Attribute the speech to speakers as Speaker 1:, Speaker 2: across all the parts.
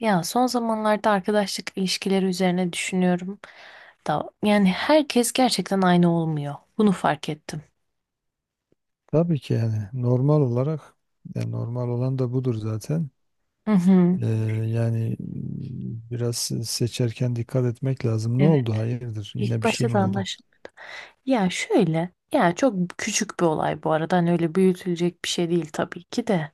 Speaker 1: Ya son zamanlarda arkadaşlık ilişkileri üzerine düşünüyorum da yani herkes gerçekten aynı olmuyor. Bunu fark ettim.
Speaker 2: Tabii ki yani normal olarak yani normal olan da budur zaten.
Speaker 1: Hı hı.
Speaker 2: Ee, Yani biraz seçerken dikkat etmek lazım. Ne
Speaker 1: Evet.
Speaker 2: oldu? Hayırdır?
Speaker 1: İlk
Speaker 2: Yine bir şey
Speaker 1: başta
Speaker 2: mi
Speaker 1: da
Speaker 2: oldu?
Speaker 1: anlaşıldı. Ya şöyle, ya çok küçük bir olay bu arada. Hani öyle büyütülecek bir şey değil tabii ki de.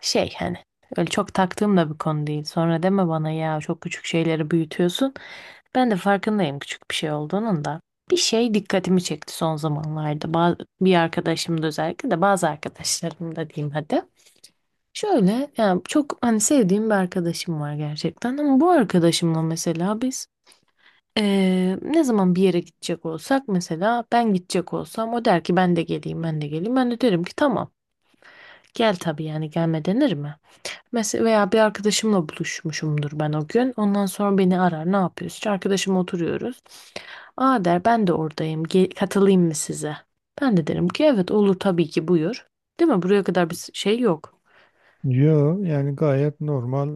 Speaker 1: Şey hani öyle çok taktığım da bir konu değil. Sonra deme bana ya çok küçük şeyleri büyütüyorsun. Ben de farkındayım küçük bir şey olduğunun da. Bir şey dikkatimi çekti son zamanlarda. Bazı, bir arkadaşım da özellikle de bazı arkadaşlarım da diyeyim hadi. Şöyle yani çok hani sevdiğim bir arkadaşım var gerçekten ama bu arkadaşımla mesela biz, ne zaman bir yere gidecek olsak mesela ben gidecek olsam o der ki ben de geleyim ben de geleyim, ben de derim ki tamam gel tabii, yani gelme denir mi? Mesela veya bir arkadaşımla buluşmuşumdur ben o gün. Ondan sonra beni arar. Ne yapıyoruz? İşte arkadaşımla oturuyoruz. Aa der, ben de oradayım. Katılayım mı size? Ben de derim ki evet olur tabii ki, buyur. Değil mi? Buraya kadar bir şey yok.
Speaker 2: Yo yani gayet normal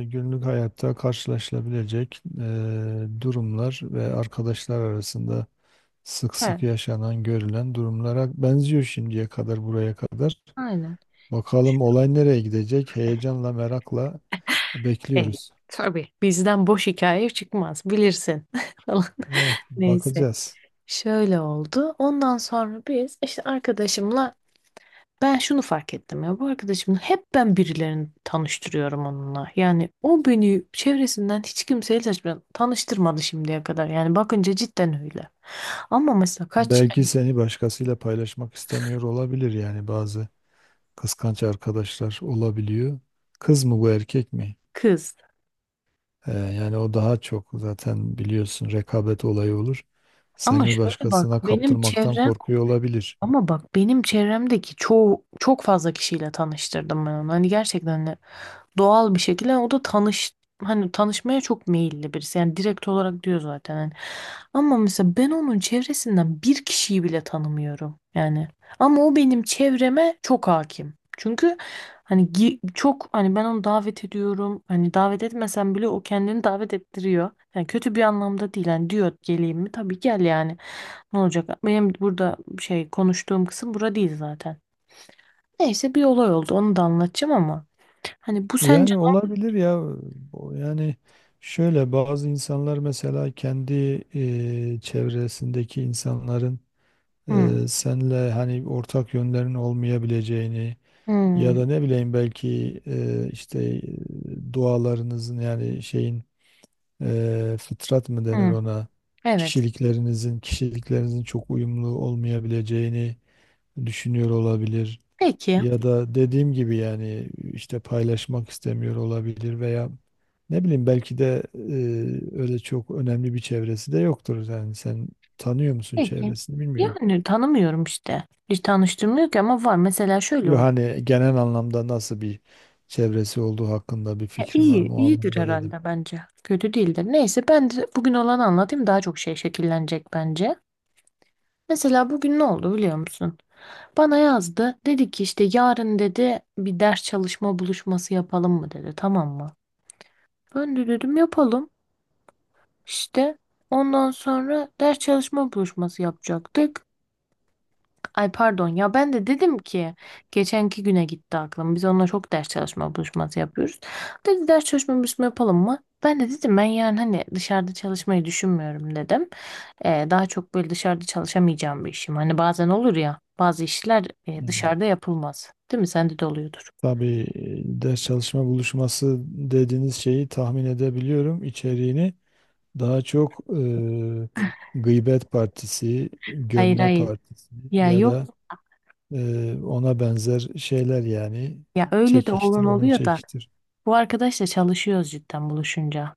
Speaker 2: günlük hayatta karşılaşılabilecek durumlar ve arkadaşlar arasında sık
Speaker 1: He.
Speaker 2: sık yaşanan görülen durumlara benziyor şimdiye kadar buraya kadar.
Speaker 1: Aynen.
Speaker 2: Bakalım olay nereye gidecek? Heyecanla merakla
Speaker 1: e,
Speaker 2: bekliyoruz.
Speaker 1: tabii. Bizden boş hikaye çıkmaz bilirsin falan. Neyse.
Speaker 2: Bakacağız.
Speaker 1: Şöyle oldu. Ondan sonra biz işte arkadaşımla, ben şunu fark ettim ya, bu arkadaşım hep ben birilerini tanıştırıyorum onunla. Yani o beni çevresinden hiç kimseyle tanıştırmadı şimdiye kadar. Yani bakınca cidden öyle. Ama mesela kaç
Speaker 2: Belki
Speaker 1: yani,
Speaker 2: seni başkasıyla paylaşmak istemiyor olabilir, yani bazı kıskanç arkadaşlar olabiliyor. Kız mı bu, erkek mi?
Speaker 1: kız.
Speaker 2: Yani o daha çok zaten biliyorsun, rekabet olayı olur.
Speaker 1: Ama
Speaker 2: Seni
Speaker 1: şöyle bak
Speaker 2: başkasına
Speaker 1: benim
Speaker 2: kaptırmaktan
Speaker 1: çevrem,
Speaker 2: korkuyor olabilir.
Speaker 1: ama bak benim çevremdeki çoğu, çok fazla kişiyle tanıştırdım ben onu. Hani gerçekten doğal bir şekilde. Yani o da tanış, hani tanışmaya çok meyilli birisi. Yani direkt olarak diyor zaten hani. Ama mesela ben onun çevresinden bir kişiyi bile tanımıyorum. Yani ama o benim çevreme çok hakim. Çünkü hani çok hani ben onu davet ediyorum. Hani davet etmesem bile o kendini davet ettiriyor. Yani kötü bir anlamda değil. Hani diyor geleyim mi? Tabii gel yani. Ne olacak? Benim burada şey konuştuğum kısım bura değil zaten. Neyse bir olay oldu. Onu da anlatacağım ama. Hani bu sence.
Speaker 2: Yani olabilir ya, o yani şöyle, bazı insanlar mesela kendi çevresindeki insanların
Speaker 1: Hı.
Speaker 2: senle hani ortak yönlerin olmayabileceğini. Ya
Speaker 1: Hmm.
Speaker 2: da ne bileyim, belki işte dualarınızın, yani şeyin, fıtrat mı denir
Speaker 1: Hmm,
Speaker 2: ona,
Speaker 1: evet.
Speaker 2: kişiliklerinizin çok uyumlu olmayabileceğini düşünüyor olabilir.
Speaker 1: Peki.
Speaker 2: Ya da dediğim gibi yani işte paylaşmak istemiyor olabilir veya ne bileyim, belki de öyle çok önemli bir çevresi de yoktur. Yani sen tanıyor musun
Speaker 1: Peki.
Speaker 2: çevresini, bilmiyorum.
Speaker 1: Yani tanımıyorum işte. Hiç tanıştırmıyor ki ama var. Mesela şöyle
Speaker 2: Yok,
Speaker 1: oldu.
Speaker 2: hani genel anlamda nasıl bir çevresi olduğu hakkında bir
Speaker 1: Ya
Speaker 2: fikrin var
Speaker 1: iyi,
Speaker 2: mı? O
Speaker 1: iyidir
Speaker 2: anlamda dedim.
Speaker 1: herhalde bence. Kötü değildir. Neyse ben de bugün olanı anlatayım. Daha çok şey şekillenecek bence. Mesela bugün ne oldu biliyor musun? Bana yazdı. Dedi ki işte yarın dedi bir ders çalışma buluşması yapalım mı dedi. Tamam mı? Ben de dedim yapalım. İşte ondan sonra ders çalışma buluşması yapacaktık. Ay pardon ya, ben de dedim ki geçenki güne gitti aklım. Biz onunla çok ders çalışma buluşması yapıyoruz. Dedi ders çalışma buluşması yapalım mı? Ben de dedim ben yani hani dışarıda çalışmayı düşünmüyorum dedim. Daha çok böyle dışarıda çalışamayacağım bir işim. Hani bazen olur ya, bazı işler
Speaker 2: Hmm.
Speaker 1: dışarıda yapılmaz. Değil mi? Sende de oluyordur.
Speaker 2: Tabii, ders çalışma buluşması dediğiniz şeyi tahmin edebiliyorum içeriğini. Daha çok gıybet partisi,
Speaker 1: Hayır
Speaker 2: gömme
Speaker 1: hayır.
Speaker 2: partisi
Speaker 1: Ya
Speaker 2: ya
Speaker 1: yok,
Speaker 2: da ona benzer şeyler yani,
Speaker 1: ya öyle de
Speaker 2: çekiştir,
Speaker 1: olan
Speaker 2: onu
Speaker 1: oluyor da
Speaker 2: çekiştir.
Speaker 1: bu arkadaşla çalışıyoruz cidden buluşunca.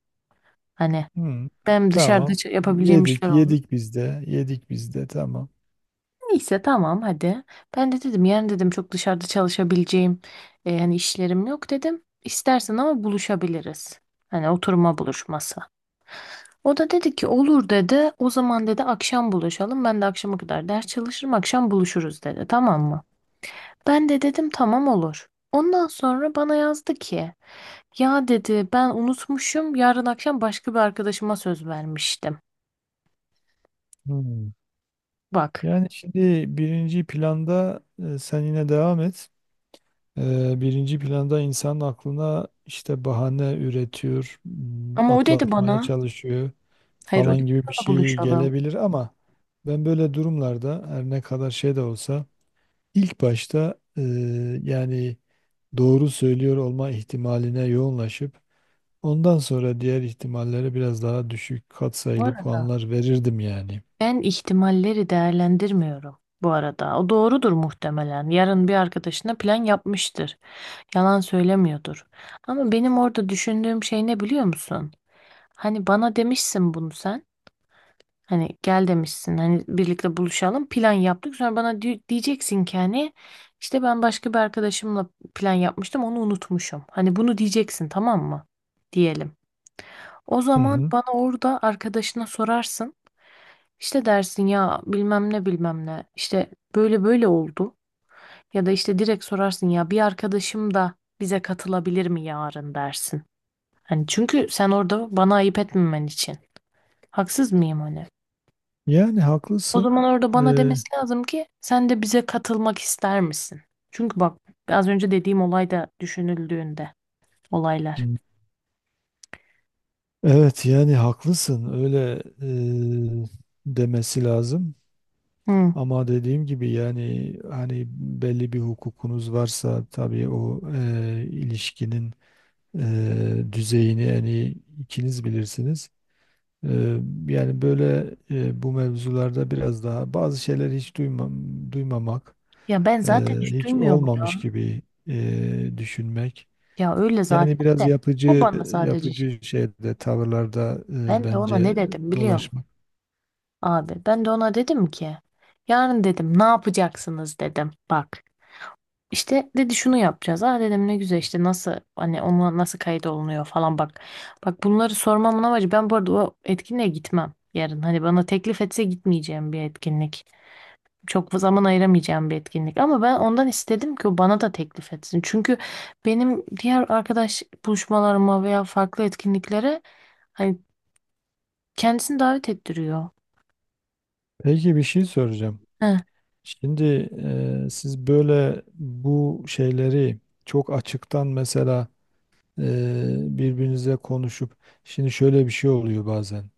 Speaker 1: Hani
Speaker 2: Hmm,
Speaker 1: ben dışarıda
Speaker 2: Tamam.
Speaker 1: yapabileceğim işler
Speaker 2: Yedik,
Speaker 1: oldu.
Speaker 2: yedik biz de, yedik biz de, tamam.
Speaker 1: Neyse tamam hadi. Ben de dedim yarın dedim çok dışarıda çalışabileceğim yani işlerim yok dedim. İstersen ama buluşabiliriz. Hani oturma buluşması. O da dedi ki olur dedi. O zaman dedi akşam buluşalım. Ben de akşama kadar ders çalışırım, akşam buluşuruz dedi. Tamam mı? Ben de dedim tamam olur. Ondan sonra bana yazdı ki ya dedi ben unutmuşum, yarın akşam başka bir arkadaşıma söz vermiştim.
Speaker 2: Hmm.
Speaker 1: Bak.
Speaker 2: Yani şimdi birinci planda, sen yine devam et. Birinci planda insan aklına işte bahane üretiyor,
Speaker 1: Ama o dedi
Speaker 2: atlatmaya
Speaker 1: bana,
Speaker 2: çalışıyor
Speaker 1: hayır, o
Speaker 2: falan
Speaker 1: dedi
Speaker 2: gibi bir
Speaker 1: bana
Speaker 2: şey
Speaker 1: buluşalım.
Speaker 2: gelebilir ama ben böyle durumlarda, her ne kadar şey de olsa, İlk başta yani doğru söylüyor olma ihtimaline yoğunlaşıp ondan sonra diğer ihtimallere biraz daha düşük
Speaker 1: Bu
Speaker 2: katsayılı
Speaker 1: arada,
Speaker 2: puanlar verirdim yani.
Speaker 1: ben ihtimalleri değerlendirmiyorum bu arada. O doğrudur muhtemelen. Yarın bir arkadaşına plan yapmıştır. Yalan söylemiyordur. Ama benim orada düşündüğüm şey ne biliyor musun? Hani bana demişsin bunu sen. Hani gel demişsin. Hani birlikte buluşalım. Plan yaptık. Sonra bana diyeceksin ki hani işte ben başka bir arkadaşımla plan yapmıştım, onu unutmuşum. Hani bunu diyeceksin, tamam mı? Diyelim. O
Speaker 2: Hı
Speaker 1: zaman
Speaker 2: hı.
Speaker 1: bana orada arkadaşına sorarsın. İşte dersin ya bilmem ne bilmem ne, işte böyle böyle oldu, ya da işte direkt sorarsın, ya bir arkadaşım da bize katılabilir mi yarın dersin. Hani çünkü sen orada bana ayıp etmemen için. Haksız mıyım hani?
Speaker 2: Yani
Speaker 1: O zaman
Speaker 2: haklısın.
Speaker 1: orada bana
Speaker 2: E,
Speaker 1: demesi lazım ki sen de bize katılmak ister misin? Çünkü bak, az önce dediğim olay da düşünüldüğünde, olaylar.
Speaker 2: Hmm. Evet, yani haklısın, öyle e, demesi lazım.
Speaker 1: Hı.
Speaker 2: Ama dediğim gibi, yani hani belli bir hukukunuz varsa tabii, o ilişkinin düzeyini en iyi ikiniz bilirsiniz. E, Yani böyle, bu mevzularda biraz daha bazı şeyler, hiç duymamak,
Speaker 1: Ya ben
Speaker 2: e,
Speaker 1: zaten hiç
Speaker 2: hiç
Speaker 1: duymuyorum ya.
Speaker 2: olmamış gibi düşünmek.
Speaker 1: Ya öyle
Speaker 2: Yani
Speaker 1: zaten
Speaker 2: biraz
Speaker 1: de bu
Speaker 2: yapıcı,
Speaker 1: bana sadece şey.
Speaker 2: yapıcı şeyde, tavırlarda
Speaker 1: Ben de ona
Speaker 2: bence
Speaker 1: ne dedim biliyor musun?
Speaker 2: dolaşmak.
Speaker 1: Abi ben de ona dedim ki yarın dedim ne yapacaksınız dedim, bak işte dedi şunu yapacağız, ha dedim ne güzel, işte nasıl hani ona nasıl kayıt olunuyor falan, bak bak bunları sormamın amacı, ben bu arada o etkinliğe gitmem yarın, hani bana teklif etse gitmeyeceğim bir etkinlik, çok zaman ayıramayacağım bir etkinlik, ama ben ondan istedim ki o bana da teklif etsin, çünkü benim diğer arkadaş buluşmalarıma veya farklı etkinliklere hani kendisini davet ettiriyor.
Speaker 2: Peki, bir şey soracağım.
Speaker 1: Heh.
Speaker 2: Şimdi, siz böyle bu şeyleri çok açıktan mesela e, birbirinize konuşup, şimdi şöyle bir şey oluyor bazen.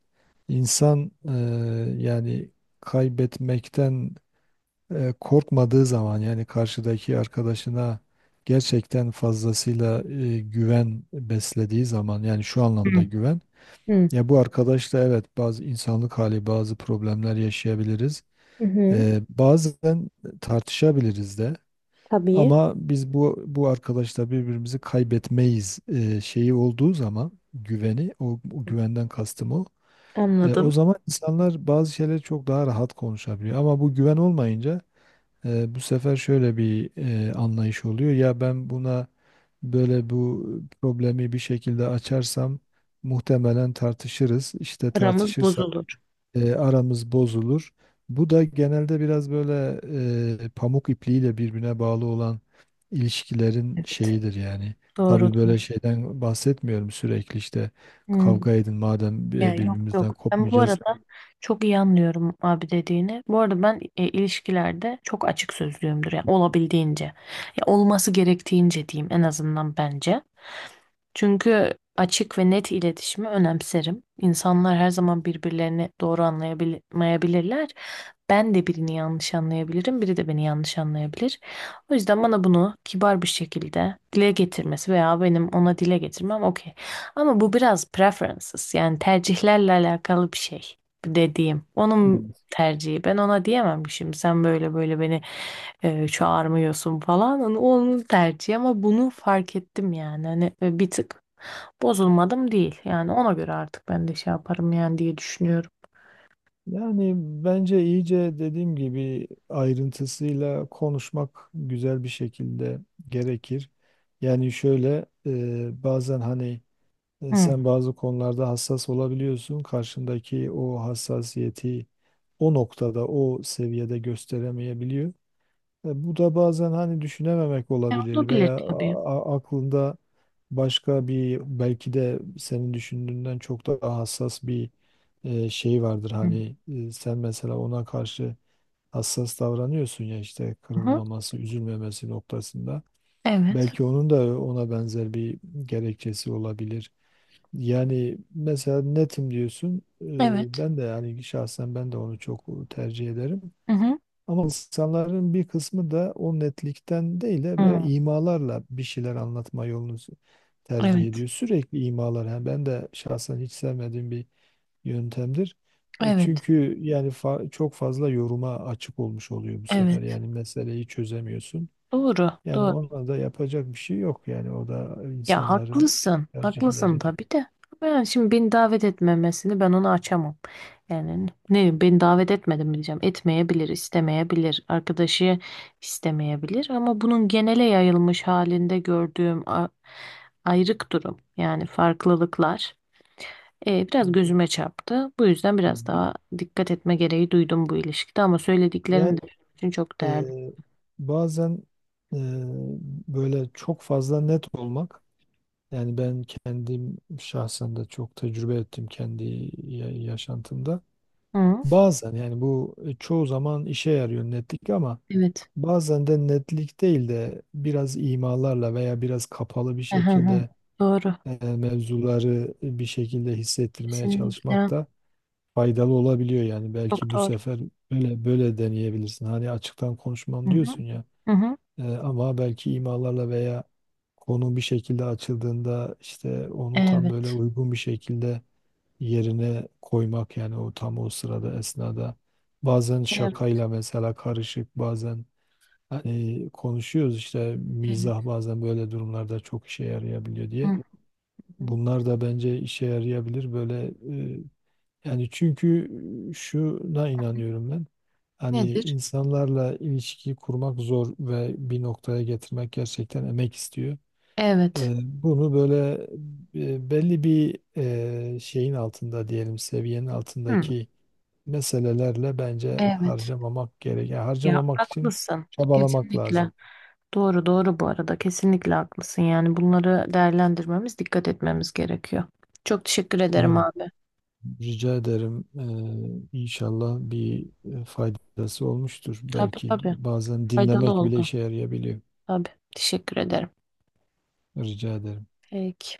Speaker 2: İnsan yani kaybetmekten korkmadığı zaman, yani karşıdaki arkadaşına gerçekten fazlasıyla güven beslediği zaman, yani şu
Speaker 1: Hı.
Speaker 2: anlamda güven.
Speaker 1: Hı.
Speaker 2: Ya bu arkadaşla, evet, bazı insanlık hali, bazı problemler yaşayabiliriz.
Speaker 1: Hı hı.
Speaker 2: Bazen tartışabiliriz de.
Speaker 1: Tabii,
Speaker 2: Ama biz bu arkadaşla birbirimizi kaybetmeyiz şeyi olduğu zaman, güveni, o güvenden kastım o. O
Speaker 1: anladım.
Speaker 2: zaman insanlar bazı şeyleri çok daha rahat konuşabiliyor. Ama bu güven olmayınca, bu sefer şöyle bir anlayış oluyor. Ya ben buna böyle, bu problemi bir şekilde açarsam muhtemelen tartışırız. İşte
Speaker 1: Aramız
Speaker 2: tartışırsak
Speaker 1: bozulur.
Speaker 2: aramız bozulur. Bu da genelde biraz böyle pamuk ipliğiyle birbirine bağlı olan ilişkilerin
Speaker 1: Evet.
Speaker 2: şeyidir yani.
Speaker 1: Doğru
Speaker 2: Tabii böyle
Speaker 1: doğru.
Speaker 2: şeyden bahsetmiyorum, sürekli işte
Speaker 1: Hmm.
Speaker 2: kavga edin madem,
Speaker 1: Ya yok
Speaker 2: birbirimizden
Speaker 1: yok. Ben bu
Speaker 2: kopmayacağız.
Speaker 1: arada çok iyi anlıyorum abi dediğini. Bu arada ben ilişkilerde çok açık sözlüyümdür. Yani olabildiğince. Ya olması gerektiğince diyeyim en azından bence. Çünkü açık ve net iletişimi önemserim. İnsanlar her zaman birbirlerini doğru anlayamayabilirler. Ben de birini yanlış anlayabilirim, biri de beni yanlış anlayabilir. O yüzden bana bunu kibar bir şekilde dile getirmesi veya benim ona dile getirmem okey. Ama bu biraz preferences, yani tercihlerle alakalı bir şey dediğim. Onun
Speaker 2: Evet.
Speaker 1: tercihi. Ben ona diyemem ki şimdi sen böyle böyle beni çağırmıyorsun falan. Hani onun tercihi, ama bunu fark ettim yani. Hani bir tık bozulmadım değil. Yani ona göre artık ben de şey yaparım yani diye düşünüyorum.
Speaker 2: Yani bence iyice, dediğim gibi, ayrıntısıyla konuşmak, güzel bir şekilde gerekir. Yani şöyle, bazen hani,
Speaker 1: Hı.
Speaker 2: sen bazı konularda hassas olabiliyorsun. Karşındaki o hassasiyeti o noktada, o seviyede gösteremeyebiliyor. Bu da bazen hani düşünememek
Speaker 1: E,
Speaker 2: olabilir
Speaker 1: olabilir
Speaker 2: veya
Speaker 1: tabii.
Speaker 2: aklında başka bir, belki de senin düşündüğünden çok daha hassas bir şey vardır.
Speaker 1: Hı.
Speaker 2: Hani sen mesela ona karşı hassas davranıyorsun ya, işte
Speaker 1: Hı.
Speaker 2: kırılmaması, üzülmemesi noktasında.
Speaker 1: Evet.
Speaker 2: Belki onun da ona benzer bir gerekçesi olabilir. Yani mesela netim diyorsun.
Speaker 1: Evet.
Speaker 2: Ben de yani şahsen ben de onu çok tercih ederim.
Speaker 1: Hı hı.
Speaker 2: Ama insanların bir kısmı da o netlikten değil de böyle
Speaker 1: Hı.
Speaker 2: imalarla bir şeyler anlatma yolunu tercih
Speaker 1: Evet.
Speaker 2: ediyor. Sürekli imalar. Yani ben de şahsen hiç sevmediğim bir yöntemdir.
Speaker 1: Evet.
Speaker 2: Çünkü yani çok fazla yoruma açık olmuş oluyor bu sefer.
Speaker 1: Evet.
Speaker 2: Yani meseleyi çözemiyorsun.
Speaker 1: Doğru,
Speaker 2: Yani
Speaker 1: doğru.
Speaker 2: ona da yapacak bir şey yok. Yani o da
Speaker 1: Ya
Speaker 2: insanların
Speaker 1: haklısın, haklısın
Speaker 2: tercihleri.
Speaker 1: tabii de. Ben şimdi beni davet etmemesini ben onu açamam. Yani ne, beni davet etmedi mi diyeceğim. Etmeyebilir, istemeyebilir, arkadaşı istemeyebilir, ama bunun genele yayılmış halinde gördüğüm ayrık durum, yani farklılıklar,
Speaker 2: Hı
Speaker 1: biraz gözüme çarptı. Bu yüzden
Speaker 2: hı.
Speaker 1: biraz daha dikkat etme gereği duydum bu ilişkide, ama
Speaker 2: Yani
Speaker 1: söylediklerin de benim için çok değerli.
Speaker 2: Eee, bazen eee, böyle çok fazla net olmak, yani ben kendim şahsen de çok tecrübe ettim kendi yaşantımda.
Speaker 1: Hı,
Speaker 2: Bazen yani bu, çoğu zaman işe yarıyor netlik, ama
Speaker 1: evet.
Speaker 2: bazen de netlik değil de biraz imalarla veya biraz kapalı bir
Speaker 1: Aha, aha.
Speaker 2: şekilde
Speaker 1: Doğru.
Speaker 2: mevzuları bir şekilde hissettirmeye
Speaker 1: Kesinlikle.
Speaker 2: çalışmak da faydalı olabiliyor. Yani
Speaker 1: Çok
Speaker 2: belki bu
Speaker 1: doğru.
Speaker 2: sefer böyle böyle deneyebilirsin. Hani açıktan
Speaker 1: Hı
Speaker 2: konuşmam
Speaker 1: hı.
Speaker 2: diyorsun ya.
Speaker 1: Hı hı.
Speaker 2: Ama belki imalarla, veya konu bir şekilde açıldığında işte onu tam böyle
Speaker 1: Evet.
Speaker 2: uygun bir şekilde yerine koymak, yani o tam o sırada, esnada, bazen
Speaker 1: Evet.
Speaker 2: şakayla mesela karışık, bazen hani konuşuyoruz işte,
Speaker 1: Evet.
Speaker 2: mizah bazen böyle durumlarda çok işe yarayabiliyor
Speaker 1: Hı
Speaker 2: diye.
Speaker 1: hı.
Speaker 2: Bunlar da bence işe yarayabilir böyle, e, yani çünkü şuna inanıyorum ben. Hani
Speaker 1: Nedir?
Speaker 2: insanlarla ilişki kurmak zor ve bir noktaya getirmek gerçekten emek istiyor.
Speaker 1: Evet.
Speaker 2: Bunu böyle belli bir şeyin altında, diyelim seviyenin
Speaker 1: Hı.
Speaker 2: altındaki meselelerle bence
Speaker 1: Evet.
Speaker 2: harcamamak gerek. Yani
Speaker 1: Ya
Speaker 2: harcamamak için
Speaker 1: haklısın.
Speaker 2: çabalamak
Speaker 1: Kesinlikle.
Speaker 2: lazım.
Speaker 1: Doğru doğru bu arada. Kesinlikle haklısın. Yani bunları değerlendirmemiz, dikkat etmemiz gerekiyor. Çok teşekkür ederim
Speaker 2: Evet.
Speaker 1: abi.
Speaker 2: Rica ederim. İnşallah bir faydası olmuştur.
Speaker 1: Tabii
Speaker 2: Belki
Speaker 1: tabii.
Speaker 2: bazen
Speaker 1: Faydalı
Speaker 2: dinlemek bile
Speaker 1: oldu.
Speaker 2: işe yarayabiliyor.
Speaker 1: Tabii. Teşekkür ederim.
Speaker 2: Rica ederim.
Speaker 1: Peki.